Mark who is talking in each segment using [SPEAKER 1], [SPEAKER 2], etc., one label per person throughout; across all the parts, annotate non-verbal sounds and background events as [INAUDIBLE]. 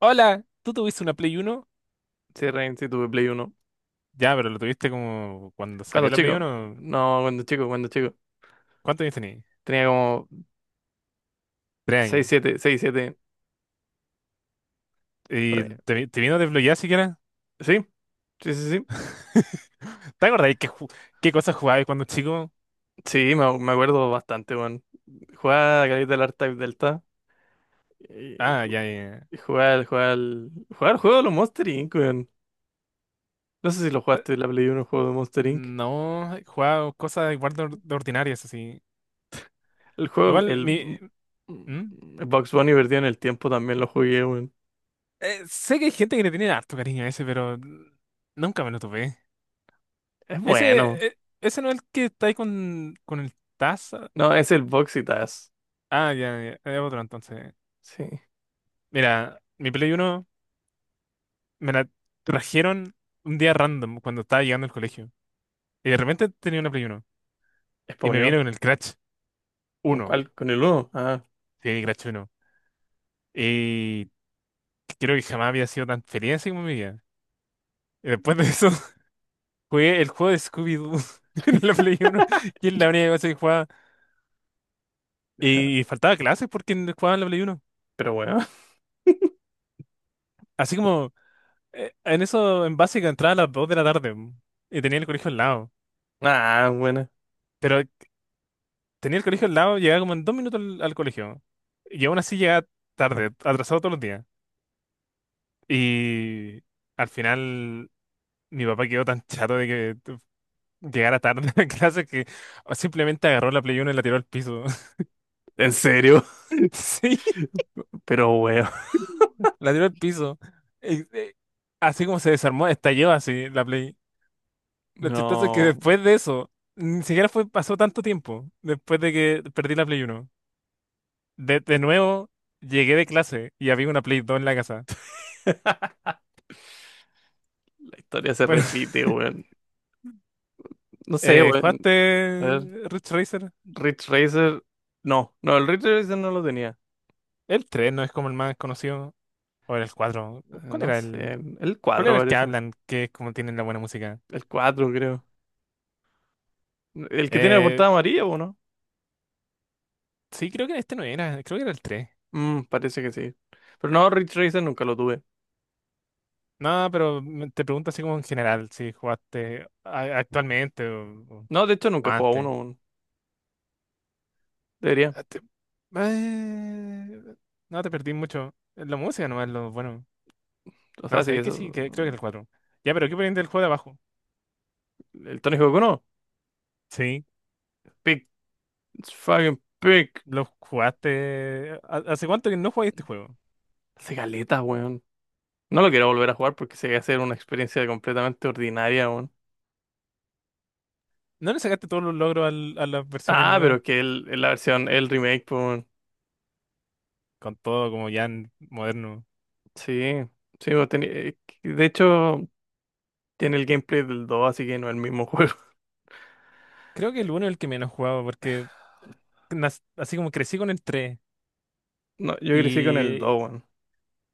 [SPEAKER 1] Hola, ¿tú tuviste una Play uno?
[SPEAKER 2] Sí, Rain, sí, tuve Play uno.
[SPEAKER 1] Ya, pero lo tuviste como cuando
[SPEAKER 2] Cuando
[SPEAKER 1] salió la Play
[SPEAKER 2] chico.
[SPEAKER 1] uno.
[SPEAKER 2] No, cuando chico, cuando chico.
[SPEAKER 1] ¿Cuántos años tenías?
[SPEAKER 2] Tenía como
[SPEAKER 1] Tres
[SPEAKER 2] 6
[SPEAKER 1] años.
[SPEAKER 2] 7 6 7 por ahí.
[SPEAKER 1] ¿Y te, te vino desbloqueada siquiera?
[SPEAKER 2] ¿Sí? Sí, sí, sí.
[SPEAKER 1] [LAUGHS] ¿Te acordás qué cosas jugabas cuando chico?
[SPEAKER 2] Sí, me acuerdo bastante, weón. Jugaba a Caleta del R-Type Delta. Y
[SPEAKER 1] Ah,
[SPEAKER 2] ju-
[SPEAKER 1] ya, ya.
[SPEAKER 2] y jugaba jugaba al juego de los Monster Inc., weón. No sé si lo
[SPEAKER 1] Ya.
[SPEAKER 2] jugaste, en la Play uno el juego de Monster Inc.
[SPEAKER 1] No, jugaba cosas igual de, de ordinarias, así.
[SPEAKER 2] El juego,
[SPEAKER 1] Igual,
[SPEAKER 2] el,
[SPEAKER 1] mi...
[SPEAKER 2] mm,
[SPEAKER 1] ¿Mm?
[SPEAKER 2] el Box Bunny perdido en el tiempo también lo jugué, weón.
[SPEAKER 1] Sé que hay gente que le tiene harto cariño a ese, pero nunca me lo topé.
[SPEAKER 2] Es bueno.
[SPEAKER 1] Ese no es el que está ahí con el Taza.
[SPEAKER 2] No, es el boxitas.
[SPEAKER 1] Ah, ya, ya, es otro entonces.
[SPEAKER 2] Sí.
[SPEAKER 1] Mira, mi Play uno me la trajeron un día random cuando estaba llegando al colegio. Y de repente tenía una Play uno. Y me vino
[SPEAKER 2] Spawneó.
[SPEAKER 1] con el Crash
[SPEAKER 2] ¿Con
[SPEAKER 1] uno.
[SPEAKER 2] cuál? Con el uno. Ah,
[SPEAKER 1] Sí, Crash uno. Y creo que jamás había sido tan feliz así como en mi vida. Y después de eso, [LAUGHS] jugué el juego de Scooby-Doo [LAUGHS] en la Play uno, que es la única cosa que jugaba. Y faltaba clases porque no jugaba en la Play uno.
[SPEAKER 2] pero bueno.
[SPEAKER 1] Así como, en eso, en básica, entraba a las 2 de la tarde. Y tenía el colegio al lado.
[SPEAKER 2] Ah, bueno.
[SPEAKER 1] Pero tenía el colegio al lado, llegaba como en 2 minutos al colegio. Y aún así llegaba tarde, atrasado todos los días. Y al final mi papá quedó tan chato de que llegara tarde [LAUGHS] a clase, que simplemente agarró la Play uno y la tiró al piso.
[SPEAKER 2] ¿En serio?
[SPEAKER 1] [LAUGHS] Sí,
[SPEAKER 2] [LAUGHS] Pero weón.
[SPEAKER 1] la tiró al piso. Eh, eh, Así como se desarmó, estalló así la Play. Lo chistoso es que
[SPEAKER 2] No.
[SPEAKER 1] después de eso, ni siquiera fue, pasó tanto tiempo después de que perdí la Play uno. De nuevo, llegué de clase y había una Play 2 en la casa.
[SPEAKER 2] [LAUGHS] La historia se
[SPEAKER 1] Bueno, [LAUGHS]
[SPEAKER 2] repite, weón. No sé, weón. A
[SPEAKER 1] ¿jugaste
[SPEAKER 2] ver,
[SPEAKER 1] Ridge Racer?
[SPEAKER 2] Ridge Racer. No, no, el Ridge Racer no lo tenía.
[SPEAKER 1] El 3 no es como el más conocido. O era el 4. ¿Cuál
[SPEAKER 2] No
[SPEAKER 1] era
[SPEAKER 2] sé,
[SPEAKER 1] el?
[SPEAKER 2] el
[SPEAKER 1] ¿Cuál
[SPEAKER 2] 4
[SPEAKER 1] era el que
[SPEAKER 2] parece.
[SPEAKER 1] hablan? Que es como tienen la buena música.
[SPEAKER 2] El cuatro creo. El que tiene la
[SPEAKER 1] Eh,
[SPEAKER 2] portada amarilla, ¿o no?
[SPEAKER 1] sí, creo que este no era. Creo que era el tres.
[SPEAKER 2] Mm, parece que sí. Pero no, Ridge Racer nunca lo tuve.
[SPEAKER 1] No, pero te pregunto así como en general, si jugaste actualmente o,
[SPEAKER 2] No, de hecho
[SPEAKER 1] o
[SPEAKER 2] nunca he jugado
[SPEAKER 1] antes.
[SPEAKER 2] uno, weón. Debería.
[SPEAKER 1] Ah, te- eh, no, te perdí mucho. La música nomás, lo bueno.
[SPEAKER 2] O
[SPEAKER 1] No,
[SPEAKER 2] sea, sí,
[SPEAKER 1] sabéis que
[SPEAKER 2] eso.
[SPEAKER 1] sí, que creo que era el 4. Ya, pero ¿qué ponían del juego de abajo?
[SPEAKER 2] El Tony Hawk 1.
[SPEAKER 1] Sí,
[SPEAKER 2] Pick. Fucking pick.
[SPEAKER 1] lo jugaste. ¿Hace cuánto que no jugaste este juego?
[SPEAKER 2] Hace caleta, weón. No lo quiero volver a jugar porque se va a hacer una experiencia completamente ordinaria aún.
[SPEAKER 1] ¿No le sacaste todos los logros a las versiones
[SPEAKER 2] Ah, pero
[SPEAKER 1] nuevas?
[SPEAKER 2] que la versión, el remake, pues,
[SPEAKER 1] Con todo como ya en moderno.
[SPEAKER 2] sí, sí, pues, de hecho tiene el gameplay del 2, así que no es el mismo juego. [LAUGHS]
[SPEAKER 1] Creo que el 1 es el que menos jugaba porque así como crecí con el tres.
[SPEAKER 2] No, yo crecí con el
[SPEAKER 1] Y
[SPEAKER 2] dos, weón.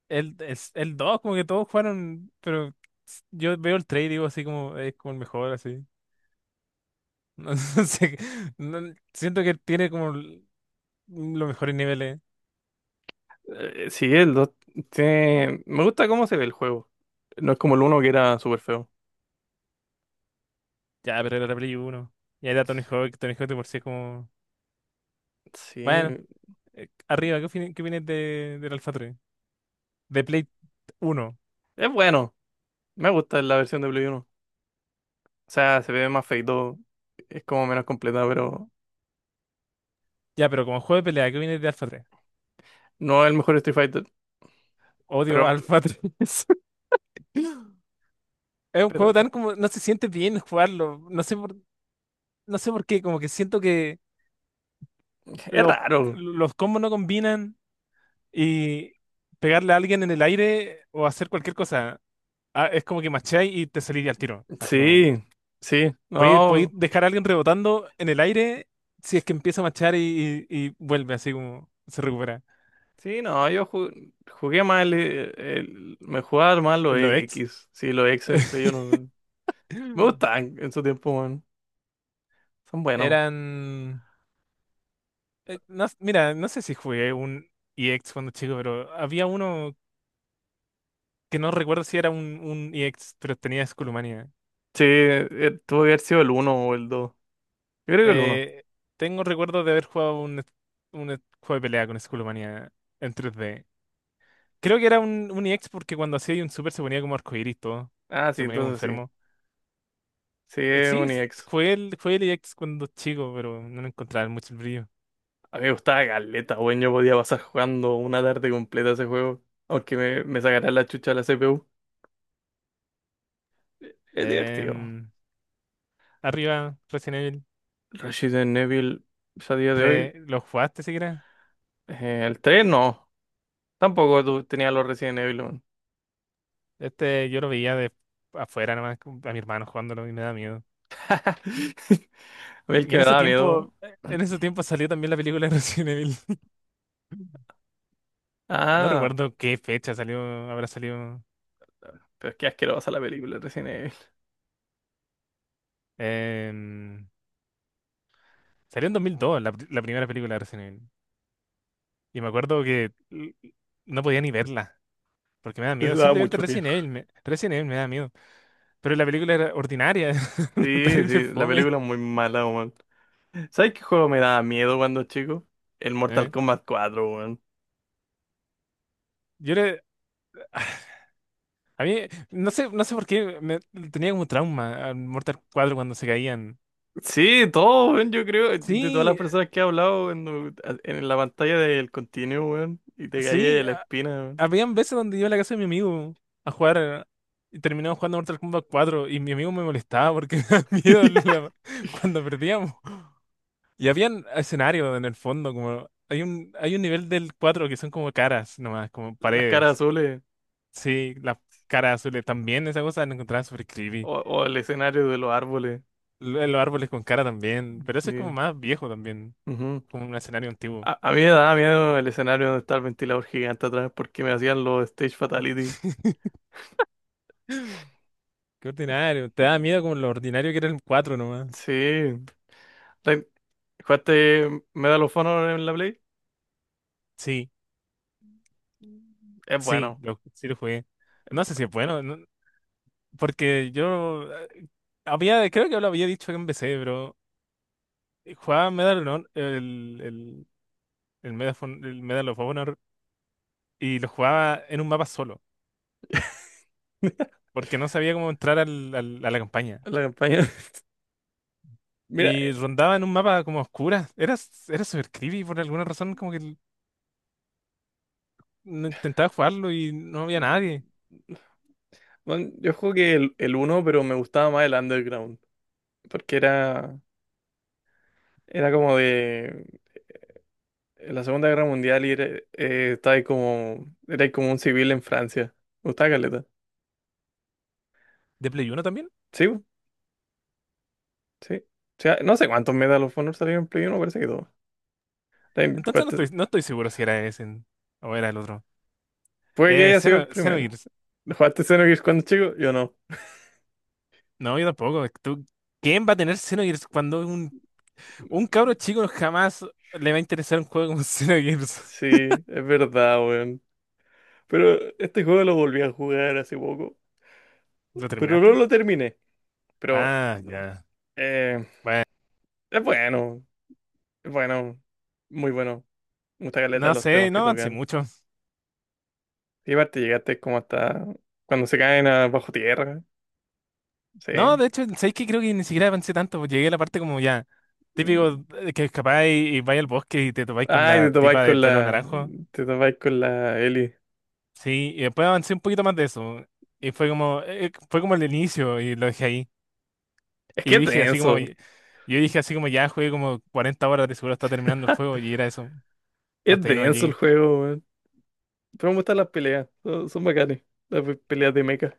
[SPEAKER 1] el 2 como que todos jugaron, pero yo veo el 3 y digo así como es como el mejor así. [LAUGHS] No sé, siento que tiene como los mejores niveles.
[SPEAKER 2] Sí, el 2, tiene... Me gusta cómo se ve el juego. No es como el uno que era súper feo.
[SPEAKER 1] Ya, pero era la Play uno. Y ahí era Tony Hawk, Tony Hawk de por sí es como...
[SPEAKER 2] Sí,
[SPEAKER 1] Bueno, arriba, qué opinas de, del Alpha 3? De Play uno.
[SPEAKER 2] es bueno. Me gusta la versión de Play 1. O sea, se ve más feito, es como menos completa, pero
[SPEAKER 1] Ya, pero como juego de pelea, ¿qué opinas de Alpha 3?
[SPEAKER 2] no es el mejor Street Fighter. Pero,
[SPEAKER 1] Odio Alpha [LAUGHS] 3. Es un juego
[SPEAKER 2] pero
[SPEAKER 1] tan como, no se siente bien jugarlo, no sé no sé por qué, como que siento que
[SPEAKER 2] es
[SPEAKER 1] los,
[SPEAKER 2] raro.
[SPEAKER 1] los combos no combinan. Y pegarle a alguien en el aire o hacer cualquier cosa, es como que macháis y te salís al tiro, así como,
[SPEAKER 2] Sí, sí,
[SPEAKER 1] podéis
[SPEAKER 2] no,
[SPEAKER 1] dejar a alguien rebotando en el aire si es que empieza a machar, y vuelve, así como se recupera.
[SPEAKER 2] sí, no, jugué mal, me jugaba mal los
[SPEAKER 1] Los ex
[SPEAKER 2] X, sí, los X en Play yo
[SPEAKER 1] [LAUGHS]
[SPEAKER 2] no, me gustaban en su tiempo, weón, son buenos.
[SPEAKER 1] eran. Mira, no sé si jugué un EX cuando chico, pero había uno que no recuerdo si era un EX, pero tenía Skullmania.
[SPEAKER 2] Sí, tuvo que haber sido el uno o el 2, yo creo que el uno,
[SPEAKER 1] Eh, Tengo recuerdo de haber jugado un juego de pelea con Skullmania en 3D. Creo que era un EX porque cuando hacía un super se ponía como arcoíris todo.
[SPEAKER 2] ah, sí,
[SPEAKER 1] Se ponía como
[SPEAKER 2] entonces sí,
[SPEAKER 1] enfermo.
[SPEAKER 2] sí, es
[SPEAKER 1] Sí,
[SPEAKER 2] un X.
[SPEAKER 1] jugué el EX cuando chico, pero no le encontraba mucho el brillo.
[SPEAKER 2] A mí me gustaba Galeta, weón, yo podía pasar jugando una tarde completa ese juego, aunque me sacara la chucha de la CPU, es divertido.
[SPEAKER 1] Em, Arriba, Resident Evil
[SPEAKER 2] Resident Evil, ya a día de hoy,
[SPEAKER 1] tres. ¿Lo jugaste siquiera?
[SPEAKER 2] el 3 no. Tampoco tú tenías los Resident Evil, man.
[SPEAKER 1] Este yo lo veía de afuera nomás, como a mi hermano jugándolo, y me da miedo.
[SPEAKER 2] [LAUGHS] A mí el
[SPEAKER 1] Y
[SPEAKER 2] que me daba miedo.
[SPEAKER 1] en ese tiempo salió también la película de Resident Evil. [LAUGHS] No
[SPEAKER 2] Ah,
[SPEAKER 1] recuerdo qué fecha salió, habrá salido.
[SPEAKER 2] pero es que asquerosa la película de Resident Evil.
[SPEAKER 1] em, Salió en 2002, la primera película de Resident Evil. Y me acuerdo que no podía ni verla, porque me da
[SPEAKER 2] Les
[SPEAKER 1] miedo.
[SPEAKER 2] daba
[SPEAKER 1] Simplemente
[SPEAKER 2] mucho miedo.
[SPEAKER 1] Resident Evil me da miedo. Pero la película era ordinaria, [LAUGHS]
[SPEAKER 2] Sí,
[SPEAKER 1] terrible
[SPEAKER 2] sí, la
[SPEAKER 1] fome.
[SPEAKER 2] película es muy mala, weón. ¿Sabes qué juego me daba miedo cuando chico? El Mortal
[SPEAKER 1] eh.
[SPEAKER 2] Kombat cuatro, weón.
[SPEAKER 1] Yo le, a mí, no sé, no sé por qué, me, tenía como trauma al Mortal 4 cuando se caían.
[SPEAKER 2] Sí, todo, weón, yo creo, de todas las
[SPEAKER 1] Sí,
[SPEAKER 2] personas que he hablado weón, no, en, la pantalla del continuo, weón, y te caía
[SPEAKER 1] sí,
[SPEAKER 2] de la espina, weón.
[SPEAKER 1] habían veces donde iba a la casa de mi amigo a jugar, y terminamos jugando Mortal Kombat cuatro, y mi amigo me molestaba porque [LAUGHS] me daba miedo
[SPEAKER 2] [LAUGHS]
[SPEAKER 1] cuando perdíamos. Y habían escenarios en el fondo, como hay un nivel del 4 que son como caras nomás, como
[SPEAKER 2] Las caras
[SPEAKER 1] paredes.
[SPEAKER 2] azules,
[SPEAKER 1] Sí, las caras azules también, esa cosa la encontraba súper creepy.
[SPEAKER 2] o el escenario de los árboles,
[SPEAKER 1] Los árboles con cara también, pero eso es como
[SPEAKER 2] sí.
[SPEAKER 1] más viejo también,
[SPEAKER 2] Ujú.
[SPEAKER 1] como un escenario antiguo.
[SPEAKER 2] A mí me daba miedo el escenario donde está el ventilador gigante atrás porque me hacían los stage fatality.
[SPEAKER 1] [LAUGHS] Qué ordinario, te da miedo como lo ordinario que era el 4 nomás.
[SPEAKER 2] Sí. Re- ¿Jugaste Medal of Honor en la Play?
[SPEAKER 1] Sí.
[SPEAKER 2] Es
[SPEAKER 1] Sí,
[SPEAKER 2] bueno.
[SPEAKER 1] sí lo jugué. No sé si es bueno, porque yo había, creo que lo había dicho en PC, pero jugaba Medal of Honor, Medal, el Medal of Honor, y lo jugaba en un mapa solo, porque no sabía cómo entrar a la campaña.
[SPEAKER 2] La campaña. [LAUGHS] Mira,
[SPEAKER 1] Y rondaba en un mapa como oscura. Era súper creepy por alguna razón, como que no intentaba jugarlo y no había nadie.
[SPEAKER 2] bueno, yo jugué el uno, pero me gustaba más el Underground. Porque era, era como de la Segunda Guerra Mundial y era, estaba ahí como, era ahí como un civil en Francia. Me gustaba caleta.
[SPEAKER 1] ¿De Play 1 también?
[SPEAKER 2] Sí, bu, sí. O sea, no sé cuántos Medal of Honor salieron en Play 1, parece que dos. Time-
[SPEAKER 1] Entonces
[SPEAKER 2] jugaste-
[SPEAKER 1] no estoy seguro si era ese o era el otro.
[SPEAKER 2] Puede que haya sido el primero.
[SPEAKER 1] Xenogears.
[SPEAKER 2] ¿Jugaste Xenogears cuando chico? Yo no.
[SPEAKER 1] No, yo tampoco. ¿Quién va a tener Xenogears cuando un cabro chico jamás le va a interesar un juego como [LAUGHS] Xenogears?
[SPEAKER 2] Sí, es verdad, weón. Pero este juego lo volví a jugar hace poco.
[SPEAKER 1] ¿Lo
[SPEAKER 2] Pero no
[SPEAKER 1] terminaste?
[SPEAKER 2] lo terminé. Pero
[SPEAKER 1] Ah, ya.
[SPEAKER 2] eh,
[SPEAKER 1] Bueno,
[SPEAKER 2] es bueno. Es bueno. Muy bueno. Me gusta caleta
[SPEAKER 1] no
[SPEAKER 2] los
[SPEAKER 1] sé,
[SPEAKER 2] temas
[SPEAKER 1] no
[SPEAKER 2] que
[SPEAKER 1] avancé
[SPEAKER 2] tocan.
[SPEAKER 1] mucho.
[SPEAKER 2] Y aparte llegaste como hasta cuando se caen a bajo tierra. Sí.
[SPEAKER 1] No, de hecho, ¿sabes qué? Creo que ni siquiera avancé tanto. Pues llegué a la parte como ya, típico que escapáis, y vais al bosque y te topáis con
[SPEAKER 2] Ay, te
[SPEAKER 1] la
[SPEAKER 2] topáis
[SPEAKER 1] tipa de
[SPEAKER 2] con
[SPEAKER 1] pelo
[SPEAKER 2] la.
[SPEAKER 1] naranjo.
[SPEAKER 2] Te topáis con la Ellie.
[SPEAKER 1] Sí, y después avancé un poquito más de eso. Y fue como, fue como el inicio, y lo dejé ahí.
[SPEAKER 2] Es que
[SPEAKER 1] Y
[SPEAKER 2] es
[SPEAKER 1] dije así como,
[SPEAKER 2] denso.
[SPEAKER 1] yo dije así como ya jugué como 40 horas, de seguro está terminando el juego, y era eso.
[SPEAKER 2] Es
[SPEAKER 1] Hasta ahí no
[SPEAKER 2] denso el
[SPEAKER 1] llegué.
[SPEAKER 2] juego. Pero me gustan las peleas, son, son bacanes, las pe- peleas de mecha.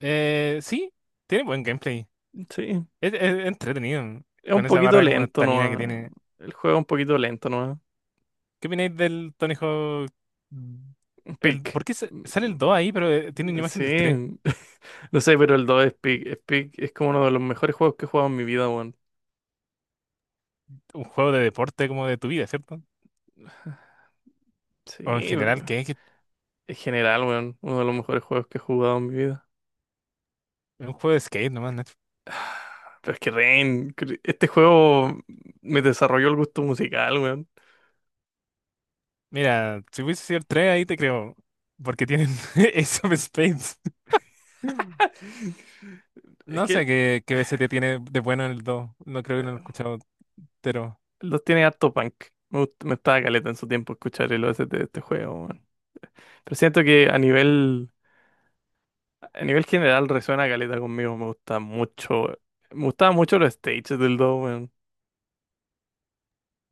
[SPEAKER 1] Sí, tiene buen gameplay.
[SPEAKER 2] Sí,
[SPEAKER 1] Es entretenido.
[SPEAKER 2] es un
[SPEAKER 1] Con esa
[SPEAKER 2] poquito
[SPEAKER 1] barra como de
[SPEAKER 2] lento
[SPEAKER 1] estamina que
[SPEAKER 2] nomás.
[SPEAKER 1] tiene.
[SPEAKER 2] El juego es un poquito lento nomás.
[SPEAKER 1] ¿Qué opináis del Tony Hawk? mm, El,
[SPEAKER 2] Pick.
[SPEAKER 1] ¿por qué sale el 2
[SPEAKER 2] Mm,
[SPEAKER 1] ahí, pero tiene una imagen del
[SPEAKER 2] sí,
[SPEAKER 1] tres?
[SPEAKER 2] [LAUGHS] no sé, pero el 2 es Pick. Es Peak, es como uno de los mejores juegos que he jugado en mi vida, weón.
[SPEAKER 1] Un juego de deporte como de tu vida, ¿cierto? O en
[SPEAKER 2] Sí,
[SPEAKER 1] general,
[SPEAKER 2] bro.
[SPEAKER 1] ¿qué es? Que
[SPEAKER 2] En general, weón, uno de los mejores juegos que he jugado en mi vida.
[SPEAKER 1] es un juego de skate nomás, Nacho.
[SPEAKER 2] Pero es que ren cre- este juego me desarrolló el gusto musical, weón.
[SPEAKER 1] Mira, si hubiese sido el 3 ahí te creo. Porque tienen [LAUGHS] Ace of Spades. [LAUGHS]
[SPEAKER 2] [LAUGHS] Es
[SPEAKER 1] No
[SPEAKER 2] que
[SPEAKER 1] sé
[SPEAKER 2] el-
[SPEAKER 1] qué BCT tiene de bueno en el 2. No creo, que no lo he escuchado entero.
[SPEAKER 2] Los tiene harto punk. Me gustaba caleta en su tiempo escuchar el OST de este juego, weón. Pero siento que a nivel general resuena caleta conmigo. Me gusta mucho. Me gustaban mucho los stages del 2, weón.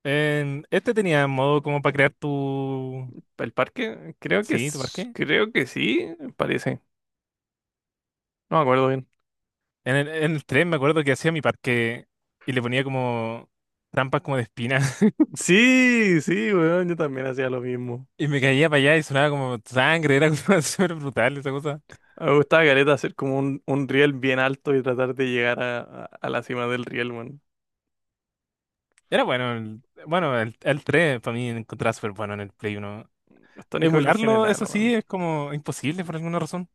[SPEAKER 1] Este tenía modo como para crear tu...
[SPEAKER 2] ¿El parque? Creo que,
[SPEAKER 1] Sí, tu parque.
[SPEAKER 2] creo que sí, parece. No me acuerdo bien.
[SPEAKER 1] En el 3 me acuerdo que hacía mi parque y le ponía como trampas como de espina. [LAUGHS]
[SPEAKER 2] Sí, sí, weón. Yo también hacía lo mismo.
[SPEAKER 1] Y me caía para allá y sonaba como sangre, era como [LAUGHS] súper brutal esa cosa.
[SPEAKER 2] Me gustaba caleta hacer como un riel bien alto y tratar de llegar a, a la cima del riel, weón.
[SPEAKER 1] Era bueno, el 3 para mí encontraba súper bueno en el Play uno.
[SPEAKER 2] Los Tony Hawk en
[SPEAKER 1] Emularlo,
[SPEAKER 2] general,
[SPEAKER 1] eso
[SPEAKER 2] weón.
[SPEAKER 1] sí, es como imposible por alguna razón.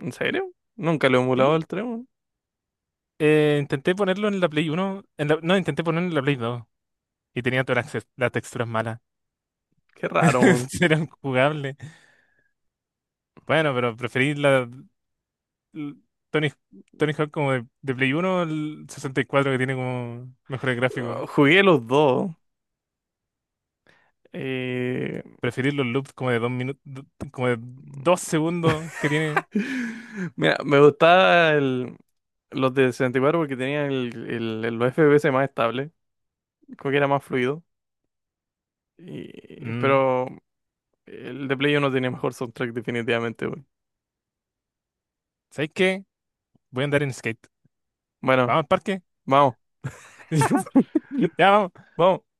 [SPEAKER 2] ¿En serio? Nunca lo he emulado
[SPEAKER 1] Sí.
[SPEAKER 2] el 3, weón.
[SPEAKER 1] Intenté ponerlo en la Play uno en no, intenté ponerlo en la Play dos, y tenía todas las texturas malas.
[SPEAKER 2] Qué raro, weón.
[SPEAKER 1] [LAUGHS] Era jugables. Bueno, pero preferí l- Tony, Tony Hawk como de Play 1, el 64, que tiene como mejores gráficos.
[SPEAKER 2] Ah, jugué los dos. Eh,
[SPEAKER 1] Preferir los loops como de 2 minutos, como de 2 segundos
[SPEAKER 2] [LAUGHS]
[SPEAKER 1] que tiene.
[SPEAKER 2] mira, me gustaba el- los de 64 porque tenían los FPS más estables, como que era más fluido. Y
[SPEAKER 1] Mm,
[SPEAKER 2] pero el de Play 1 tenía mejor soundtrack definitivamente, güey.
[SPEAKER 1] ¿Sabes qué? Voy a andar en skate.
[SPEAKER 2] Bueno,
[SPEAKER 1] Vamos al parque.
[SPEAKER 2] vamos,
[SPEAKER 1] [LAUGHS] Ya, vamos.
[SPEAKER 2] vamos.